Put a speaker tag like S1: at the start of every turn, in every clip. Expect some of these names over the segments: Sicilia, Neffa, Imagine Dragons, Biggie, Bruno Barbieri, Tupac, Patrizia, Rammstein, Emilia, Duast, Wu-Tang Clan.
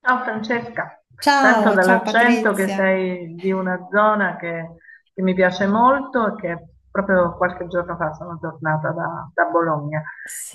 S1: Ciao Francesca, sento
S2: Ciao, ciao
S1: dall'accento che
S2: Patrizia.
S1: sei di una zona che mi piace molto e che proprio qualche giorno fa sono tornata da Bologna.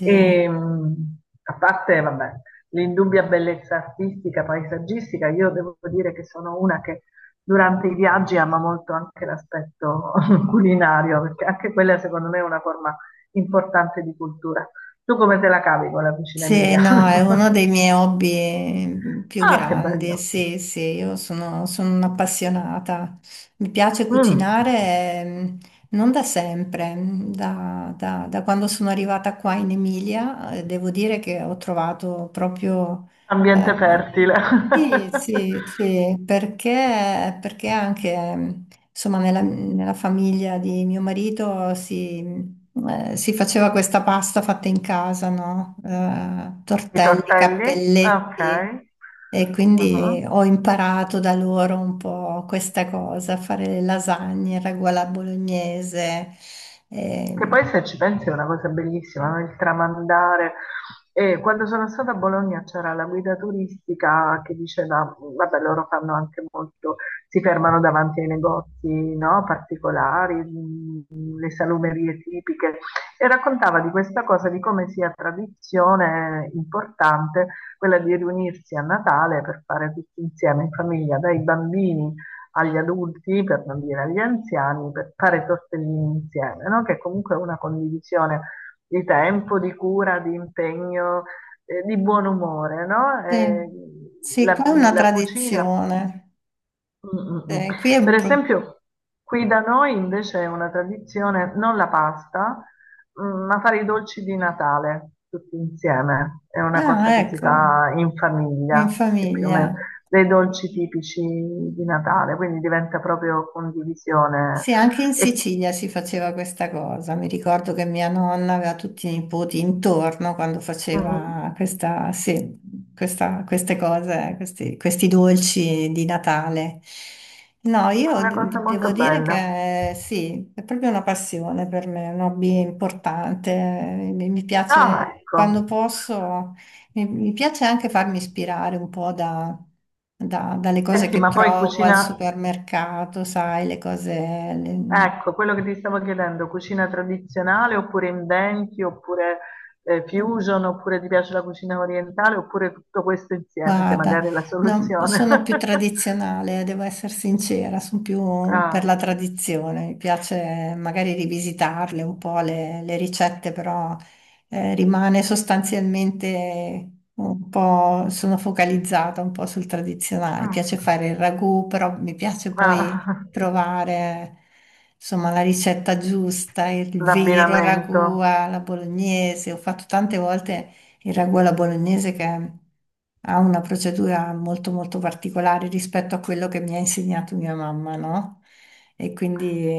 S1: E, mh, A parte, vabbè, l'indubbia bellezza artistica, paesaggistica, io devo dire che sono una che durante i viaggi ama molto anche l'aspetto culinario, perché anche quella secondo me è una forma importante di cultura. Tu come te la cavi con la cucina
S2: sì,
S1: Emilia?
S2: no, è uno dei miei hobby più
S1: Ah, che
S2: grandi.
S1: bello!
S2: Sì, sì, io sono, sono un'appassionata. Mi piace
S1: Mh,
S2: cucinare, ehm, non da sempre, da quando sono arrivata qua in Emilia, devo dire che ho trovato proprio, eh,
S1: Ambiente fertile.
S2: Sì, sì, sì, perché anche insomma, nella famiglia di mio marito si faceva questa pasta fatta in casa, no?
S1: I
S2: Tortelli,
S1: tortelli? Ah, okay.
S2: cappelletti, e
S1: Ah-ah.
S2: quindi ho imparato da loro un po' questa cosa, fare le lasagne, il ragù alla bolognese.
S1: Che
S2: Eh,
S1: poi se ci pensi è una cosa bellissima, no? Il tramandare. E quando sono stata a Bologna c'era la guida turistica che diceva, vabbè, loro fanno anche molto, si fermano davanti ai negozi, no? Particolari, le salumerie tipiche, e raccontava di questa cosa, di come sia tradizione importante quella di riunirsi a Natale per fare tutti insieme in famiglia, dai bambini agli adulti, per non dire agli anziani, per fare tortellini insieme, no? Che comunque è una condivisione di tempo, di cura, di impegno, di buon umore, no?
S2: sì. Sì, qua
S1: La,
S2: è una
S1: la cucina.
S2: tradizione.
S1: Mm, mm, mm.
S2: Qui è un
S1: Per
S2: po'.
S1: esempio, qui da noi invece è una tradizione non la pasta, mm, ma fare i dolci di Natale tutti insieme. È una cosa
S2: Ah,
S1: che si
S2: ecco,
S1: fa in
S2: in
S1: famiglia, che più o
S2: famiglia.
S1: meno dei dolci tipici di Natale, quindi diventa proprio condivisione.
S2: Sì, anche in
S1: E,
S2: Sicilia si faceva questa cosa. Mi ricordo che mia nonna aveva tutti i nipoti intorno quando
S1: mm, mm,
S2: faceva questa, sì, queste cose, questi dolci di Natale. No, io
S1: una cosa molto
S2: devo dire
S1: bella.
S2: che sì, è proprio una passione per me, un hobby importante. Mi
S1: Ah,
S2: piace quando
S1: ecco.
S2: posso. E mi piace anche farmi ispirare un po' dalle cose
S1: Senti,
S2: che
S1: ma poi
S2: trovo al
S1: cucina,
S2: supermercato, sai, le cose,
S1: ecco, quello che ti stavo chiedendo, cucina tradizionale oppure inventi, oppure
S2: le-
S1: fusion, oppure ti piace la cucina orientale, oppure tutto questo insieme, che
S2: Guarda,
S1: magari è la
S2: no,
S1: soluzione.
S2: sono più tradizionale, devo essere sincera, sono più per
S1: Ah,
S2: la tradizione. Mi piace magari rivisitarle un po' le ricette, però rimane sostanzialmente un po', sono focalizzata un po' sul tradizionale. Mi
S1: mm,
S2: piace fare il ragù, però mi piace poi
S1: ah,
S2: trovare insomma la ricetta giusta, il vero ragù
S1: l'abbinamento.
S2: alla bolognese. Ho fatto tante volte il ragù alla bolognese che ha una procedura molto molto particolare rispetto a quello che mi ha insegnato mia mamma, no? E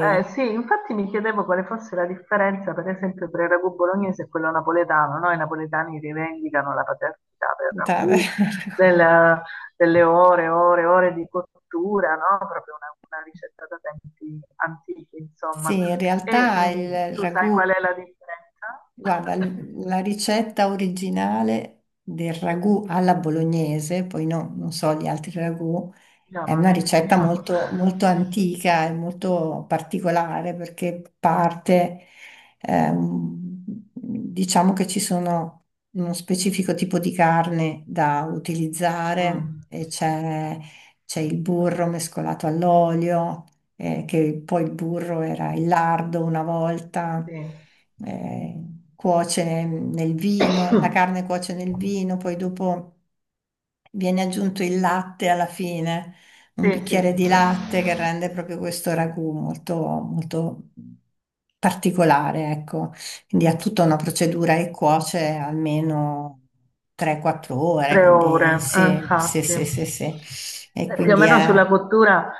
S1: Sì, infatti mi chiedevo quale fosse la differenza, per esempio, tra il ragù bolognese e quello napoletano, no? I napoletani rivendicano la paternità del
S2: da-
S1: ragù, del- delle ore, ore, ore di cottura, no? Proprio una ricetta da tempi antichi, insomma.
S2: sì, in
S1: E
S2: realtà il
S1: tu sai qual
S2: ragù,
S1: è la differenza?
S2: guarda, la ricetta originale del ragù alla bolognese, poi no, non so gli altri ragù.
S1: No,
S2: È
S1: non
S2: una
S1: neanche
S2: ricetta
S1: io.
S2: molto, molto antica e molto particolare perché parte, ehm, diciamo che ci sono uno specifico tipo di carne da utilizzare
S1: Mm,
S2: e c'è il burro mescolato all'olio, che poi il burro era il lardo una volta,
S1: sì.
S2: eh, cuoce nel vino, la carne cuoce nel vino, poi dopo viene aggiunto il latte alla fine, un
S1: Sì, sì,
S2: bicchiere
S1: sì,
S2: di
S1: sì.
S2: latte che rende proprio questo ragù molto, molto particolare, ecco. Quindi ha tutta una procedura e cuoce almeno 3-4 ore,
S1: Tre
S2: quindi
S1: ore,
S2: sì, sì,
S1: infatti.
S2: sì, sì, sì. E
S1: Più o
S2: quindi
S1: meno sulla cottura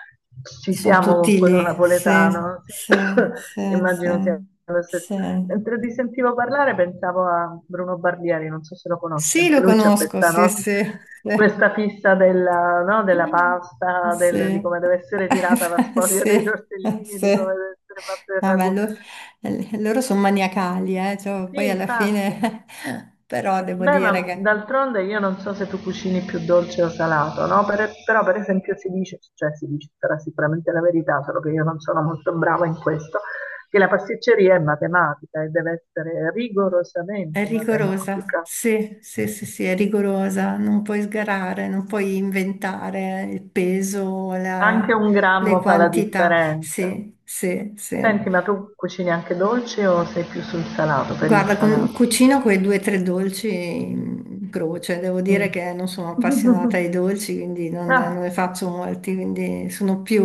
S1: ci
S2: sono
S1: siamo con
S2: tutti
S1: quello
S2: lì, sì,
S1: napoletano, sì.
S2: sì, sì,
S1: Immagino
S2: sì,
S1: sia lo stesso.
S2: sì.
S1: Mentre ti sentivo parlare pensavo a Bruno Barbieri, non so se lo conosci,
S2: Sì, lo
S1: anche lui c'ha
S2: conosco,
S1: questa,
S2: sì,
S1: no?
S2: sì, sì.
S1: Questa fissa della, no? Della pasta, di
S2: Sì,
S1: come deve essere tirata la sfoglia dei
S2: sì,
S1: tortellini, di come
S2: sì.
S1: deve essere fatto il
S2: Ah, beh,
S1: ragù.
S2: loro sono maniacali, cioè,
S1: Sì,
S2: poi alla
S1: infatti.
S2: fine, però devo
S1: Beh,
S2: dire
S1: ma
S2: che
S1: d'altronde io non so se tu cucini più dolce o salato, no? Però per esempio si dice, cioè si dice, sarà sicuramente la verità, solo che io non sono molto brava in questo, che la pasticceria è matematica e deve essere
S2: è
S1: rigorosamente
S2: rigorosa,
S1: matematica.
S2: sì, sì, sì, sì, è rigorosa, non puoi sgarare, non puoi inventare il peso,
S1: Anche un
S2: le
S1: grammo fa la
S2: quantità,
S1: differenza.
S2: sì, sì, sì.
S1: Senti, ma tu cucini anche dolce o sei più sul salato, per il
S2: Guarda,
S1: salato?
S2: cucino quei due o tre dolci in croce. Devo dire
S1: Mm.
S2: che non sono appassionata ai dolci, quindi non
S1: Ah,
S2: ne faccio molti, quindi sono più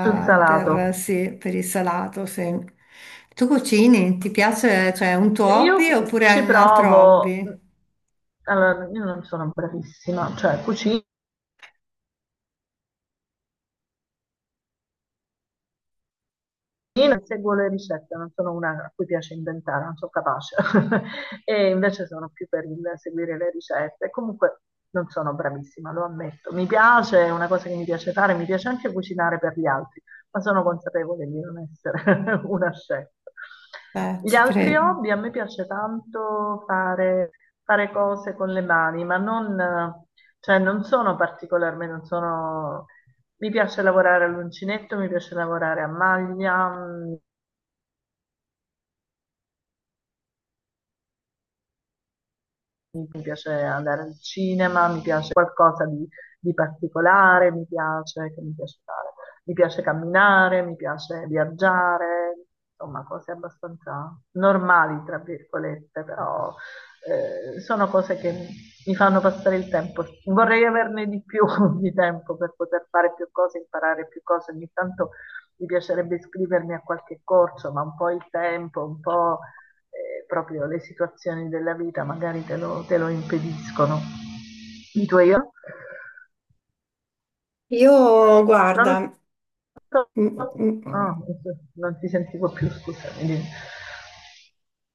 S1: sul
S2: per,
S1: salato.
S2: sì, per il salato, sì. Tu cucini? Ti piace, cioè, un tuo
S1: Io
S2: hobby oppure hai
S1: ci
S2: un altro
S1: provo,
S2: hobby?
S1: allora, io non sono bravissima, cioè cucino, io non seguo le ricette, non sono una a cui piace inventare, non sono capace. E invece sono più per il seguire le ricette. Comunque non sono bravissima, lo ammetto. Mi piace, è una cosa che mi piace fare, mi piace anche cucinare per gli altri, ma sono consapevole di non essere una chef. Gli
S2: Ci
S1: altri
S2: credo.
S1: hobby, a me piace tanto fare, fare cose con le mani, ma non, cioè non sono particolarmente, non sono mi piace lavorare all'uncinetto, mi piace lavorare a maglia, mm, mi piace andare al cinema, mi piace qualcosa di particolare, mi piace, che mi piace fare? Mi piace camminare, mi piace viaggiare, insomma, cose abbastanza normali, tra virgolette, però sono cose che mi fanno passare il tempo. Vorrei averne di più di tempo per poter fare più cose, imparare più cose. Ogni tanto mi piacerebbe iscrivermi a qualche corso, ma un po' il tempo, un po' proprio le situazioni della vita magari te lo impediscono. I tuoi io?
S2: Io, guarda,
S1: Pronto?
S2: mm, mm,
S1: Ah, non ti sentivo più, scusami. Dimmi.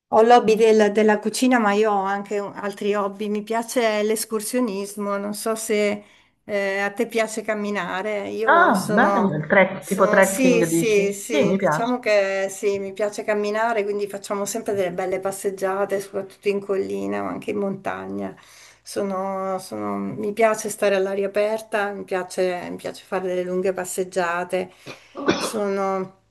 S2: Ho l'hobby della cucina, ma io ho anche altri hobby. Mi piace l'escursionismo. Non so se a te piace camminare.
S1: Ah, bello, il trek, tipo
S2: Sì,
S1: trekking
S2: sì,
S1: dici? Sì,
S2: sì,
S1: mi
S2: diciamo
S1: piace.
S2: che sì, mi piace camminare, quindi facciamo sempre delle belle passeggiate, soprattutto in collina, ma anche in montagna. Mi piace stare all'aria aperta, mi piace fare delle lunghe passeggiate. Sono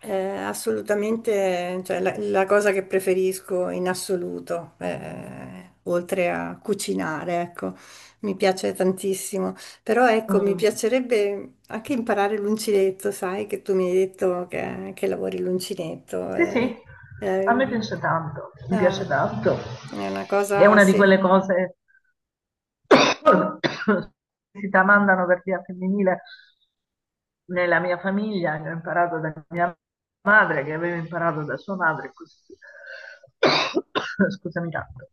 S2: eh, assolutamente, cioè, la cosa che preferisco in assoluto, oltre a cucinare, ecco, mi piace tantissimo. Però ecco, mi
S1: Mm.
S2: piacerebbe anche imparare l'uncinetto, sai, che tu mi hai detto che, lavori l'uncinetto.
S1: Sì, sì, a
S2: Eh,
S1: me piace tanto, mi
S2: ah,
S1: piace tanto.
S2: è una
S1: È
S2: cosa,
S1: una di
S2: sì.
S1: quelle cose si tramandano per via femminile nella mia famiglia, che ho imparato da mia madre, che aveva imparato da sua madre, e così via. Scusami tanto.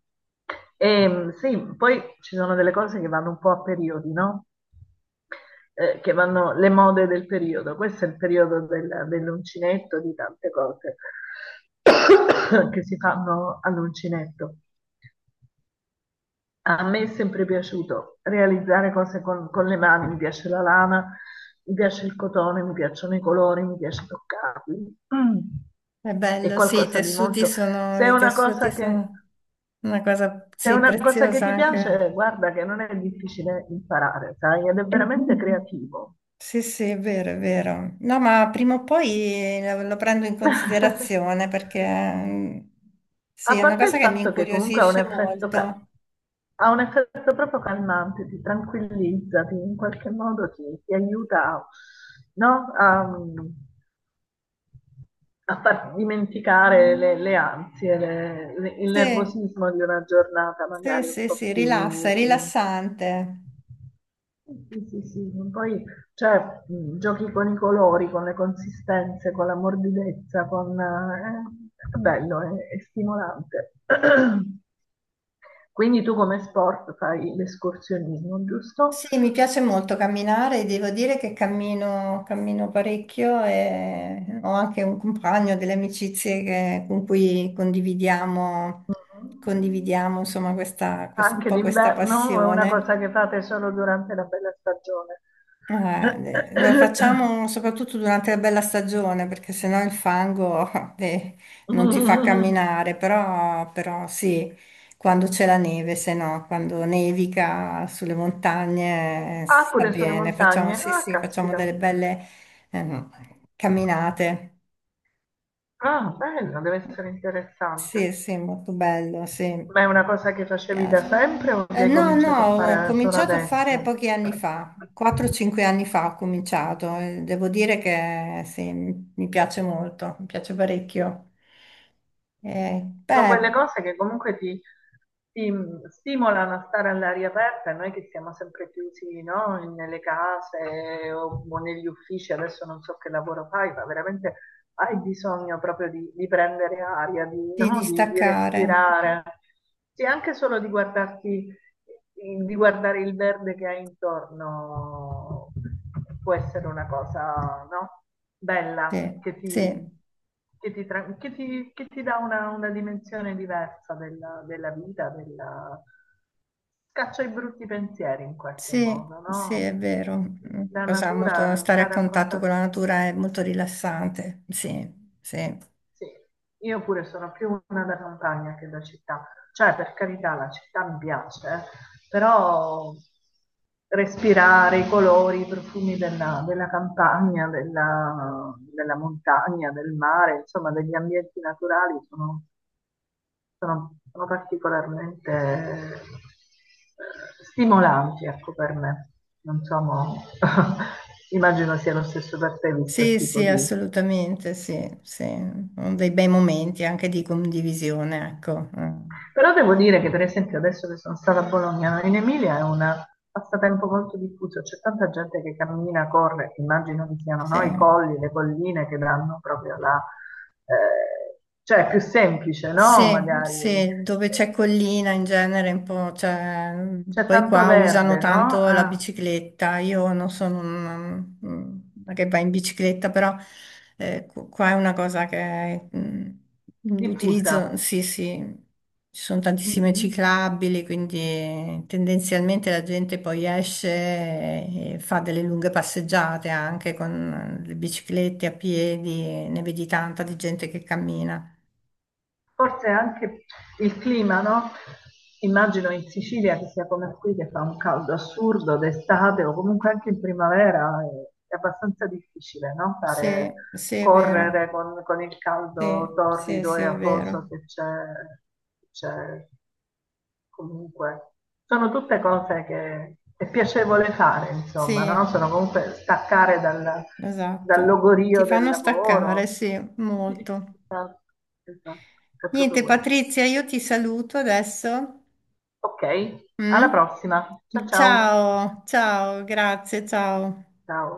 S1: E, sì, poi ci sono delle cose che vanno un po' a periodi, no? Che vanno le mode del periodo. Questo è il periodo dell'uncinetto, di tante cose che si fanno all'uncinetto. A me è sempre piaciuto realizzare cose con le mani, mi piace la lana, mi piace il cotone, mi piacciono i colori, mi piace toccarli.
S2: È
S1: È
S2: bello, sì, i
S1: qualcosa di
S2: tessuti
S1: molto...
S2: sono,
S1: Se è
S2: i
S1: una
S2: tessuti
S1: cosa che,
S2: sono una cosa,
S1: se è
S2: sì,
S1: una cosa che
S2: preziosa
S1: ti
S2: anche.
S1: piace, guarda che non è difficile imparare, sai, ed è veramente creativo.
S2: Sì, sì, è vero, è vero. No, ma prima o poi lo prendo in considerazione perché sì,
S1: A
S2: è una
S1: parte il
S2: cosa che mi
S1: fatto che comunque ha un
S2: incuriosisce
S1: effetto,
S2: molto.
S1: ha un effetto proprio calmante, ti tranquillizza, ti- in qualche modo ti, ti aiuta, no? A, a far dimenticare le ansie, le- il
S2: Sì,
S1: nervosismo di una giornata
S2: sì,
S1: magari un
S2: sì,
S1: po'
S2: sì, rilassa, è
S1: più...
S2: rilassante.
S1: Sì, sì, sì. Poi, cioè, giochi con i colori, con le consistenze, con la morbidezza, con... è bello, è stimolante. Quindi tu come sport fai l'escursionismo, giusto?
S2: Sì, mi piace molto camminare, devo dire che cammino, cammino parecchio e ho anche un compagno, delle amicizie con cui condividiamo,
S1: Mhm.
S2: condividiamo insomma questa, un
S1: Anche
S2: po' questa
S1: d'inverno o è una
S2: passione.
S1: cosa che fate solo durante la bella stagione?
S2: Lo facciamo soprattutto durante la bella stagione perché sennò il fango eh, non ti fa
S1: Mm.
S2: camminare, però sì, quando c'è la neve, se no, quando nevica sulle montagne si
S1: Ah,
S2: sta
S1: pure sulle
S2: bene,
S1: montagne.
S2: sì,
S1: Ah,
S2: sì, facciamo
S1: caspita.
S2: delle belle ehm, camminate.
S1: Ah, bello, deve essere interessante.
S2: Sì, sì, molto bello, sì, mi
S1: Ma è una cosa che facevi da
S2: piace.
S1: sempre o che hai
S2: No, no,
S1: cominciato a
S2: ho
S1: fare solo
S2: cominciato a fare
S1: adesso?
S2: pochi anni fa, 4-5 anni fa ho cominciato, e devo dire che sì, mi piace molto, mi piace parecchio.
S1: Sono quelle
S2: Beh,
S1: cose che comunque ti, ti stimolano a stare all'aria aperta, e noi che siamo sempre chiusi, no? Nelle case o negli uffici, adesso non so che lavoro fai, ma veramente hai bisogno proprio di prendere aria, di,
S2: di
S1: no? Di
S2: distaccare,
S1: respirare. Sì, anche solo di guardarti di guardare il verde che hai intorno può essere una cosa, no? Bella,
S2: sì, sì,
S1: che ti, tra- che ti dà una dimensione diversa della, della vita, della... scaccia i brutti pensieri in qualche
S2: sì,
S1: modo,
S2: sì, è
S1: no?
S2: vero. Mm,
S1: La
S2: Cosa molto,
S1: natura
S2: stare a
S1: sta a
S2: contatto con
S1: contatto
S2: la natura è molto rilassante, sì, sì.
S1: sì, io pure sono più una da campagna che da città, cioè per carità la città mi piace, però respirare i colori, i profumi della, della campagna, della, della montagna, del mare, insomma degli ambienti naturali sono, sono- sono particolarmente stimolanti, ecco, per me. Non so, mo- immagino sia lo stesso per te, visto il
S2: Sì,
S1: tipo
S2: sì,
S1: di
S2: assolutamente, sì, sì. Sono dei bei momenti anche di condivisione, ecco. Mm.
S1: però devo dire che per esempio adesso che sono stata a Bologna, in Emilia è un passatempo molto diffuso, c'è tanta gente che cammina, corre, immagino che siano
S2: Sì.
S1: no, i colli, le colline che danno proprio la... cioè è più semplice, no?
S2: Sì,
S1: Magari
S2: sì, dove c'è
S1: eh,
S2: collina in genere, un po', cioè,
S1: c'è
S2: poi
S1: tanto
S2: qua usano
S1: verde, no?
S2: tanto la
S1: Ah,
S2: bicicletta, io non sono una che va in bicicletta, però qua è una cosa che
S1: diffusa.
S2: l'utilizzo, sì, sì, ci sono tantissime
S1: Mhm.
S2: ciclabili, quindi tendenzialmente la gente poi esce e fa delle lunghe passeggiate anche con le biciclette a piedi, ne vedi tanta di gente che cammina.
S1: Forse anche il clima, no? Immagino in Sicilia che sia come qui, che fa un caldo assurdo d'estate o comunque anche in primavera, è abbastanza difficile, no? Fare,
S2: Sì, sì, è vero.
S1: correre con il
S2: Sì,
S1: caldo
S2: sì,
S1: torrido
S2: sì,
S1: e
S2: è
S1: afoso
S2: vero.
S1: che c'è comunque sono tutte cose che è piacevole fare, insomma,
S2: Sì,
S1: no? Sono comunque staccare dal, dal
S2: esatto. Ti
S1: logorio del
S2: fanno staccare,
S1: lavoro.
S2: sì, molto.
S1: Esatto, esatto, è proprio
S2: Niente,
S1: questo.
S2: Patrizia, io ti saluto adesso.
S1: Ok, alla
S2: Mm?
S1: prossima. Ciao ciao.
S2: Ciao, ciao, grazie, ciao.
S1: Ciao.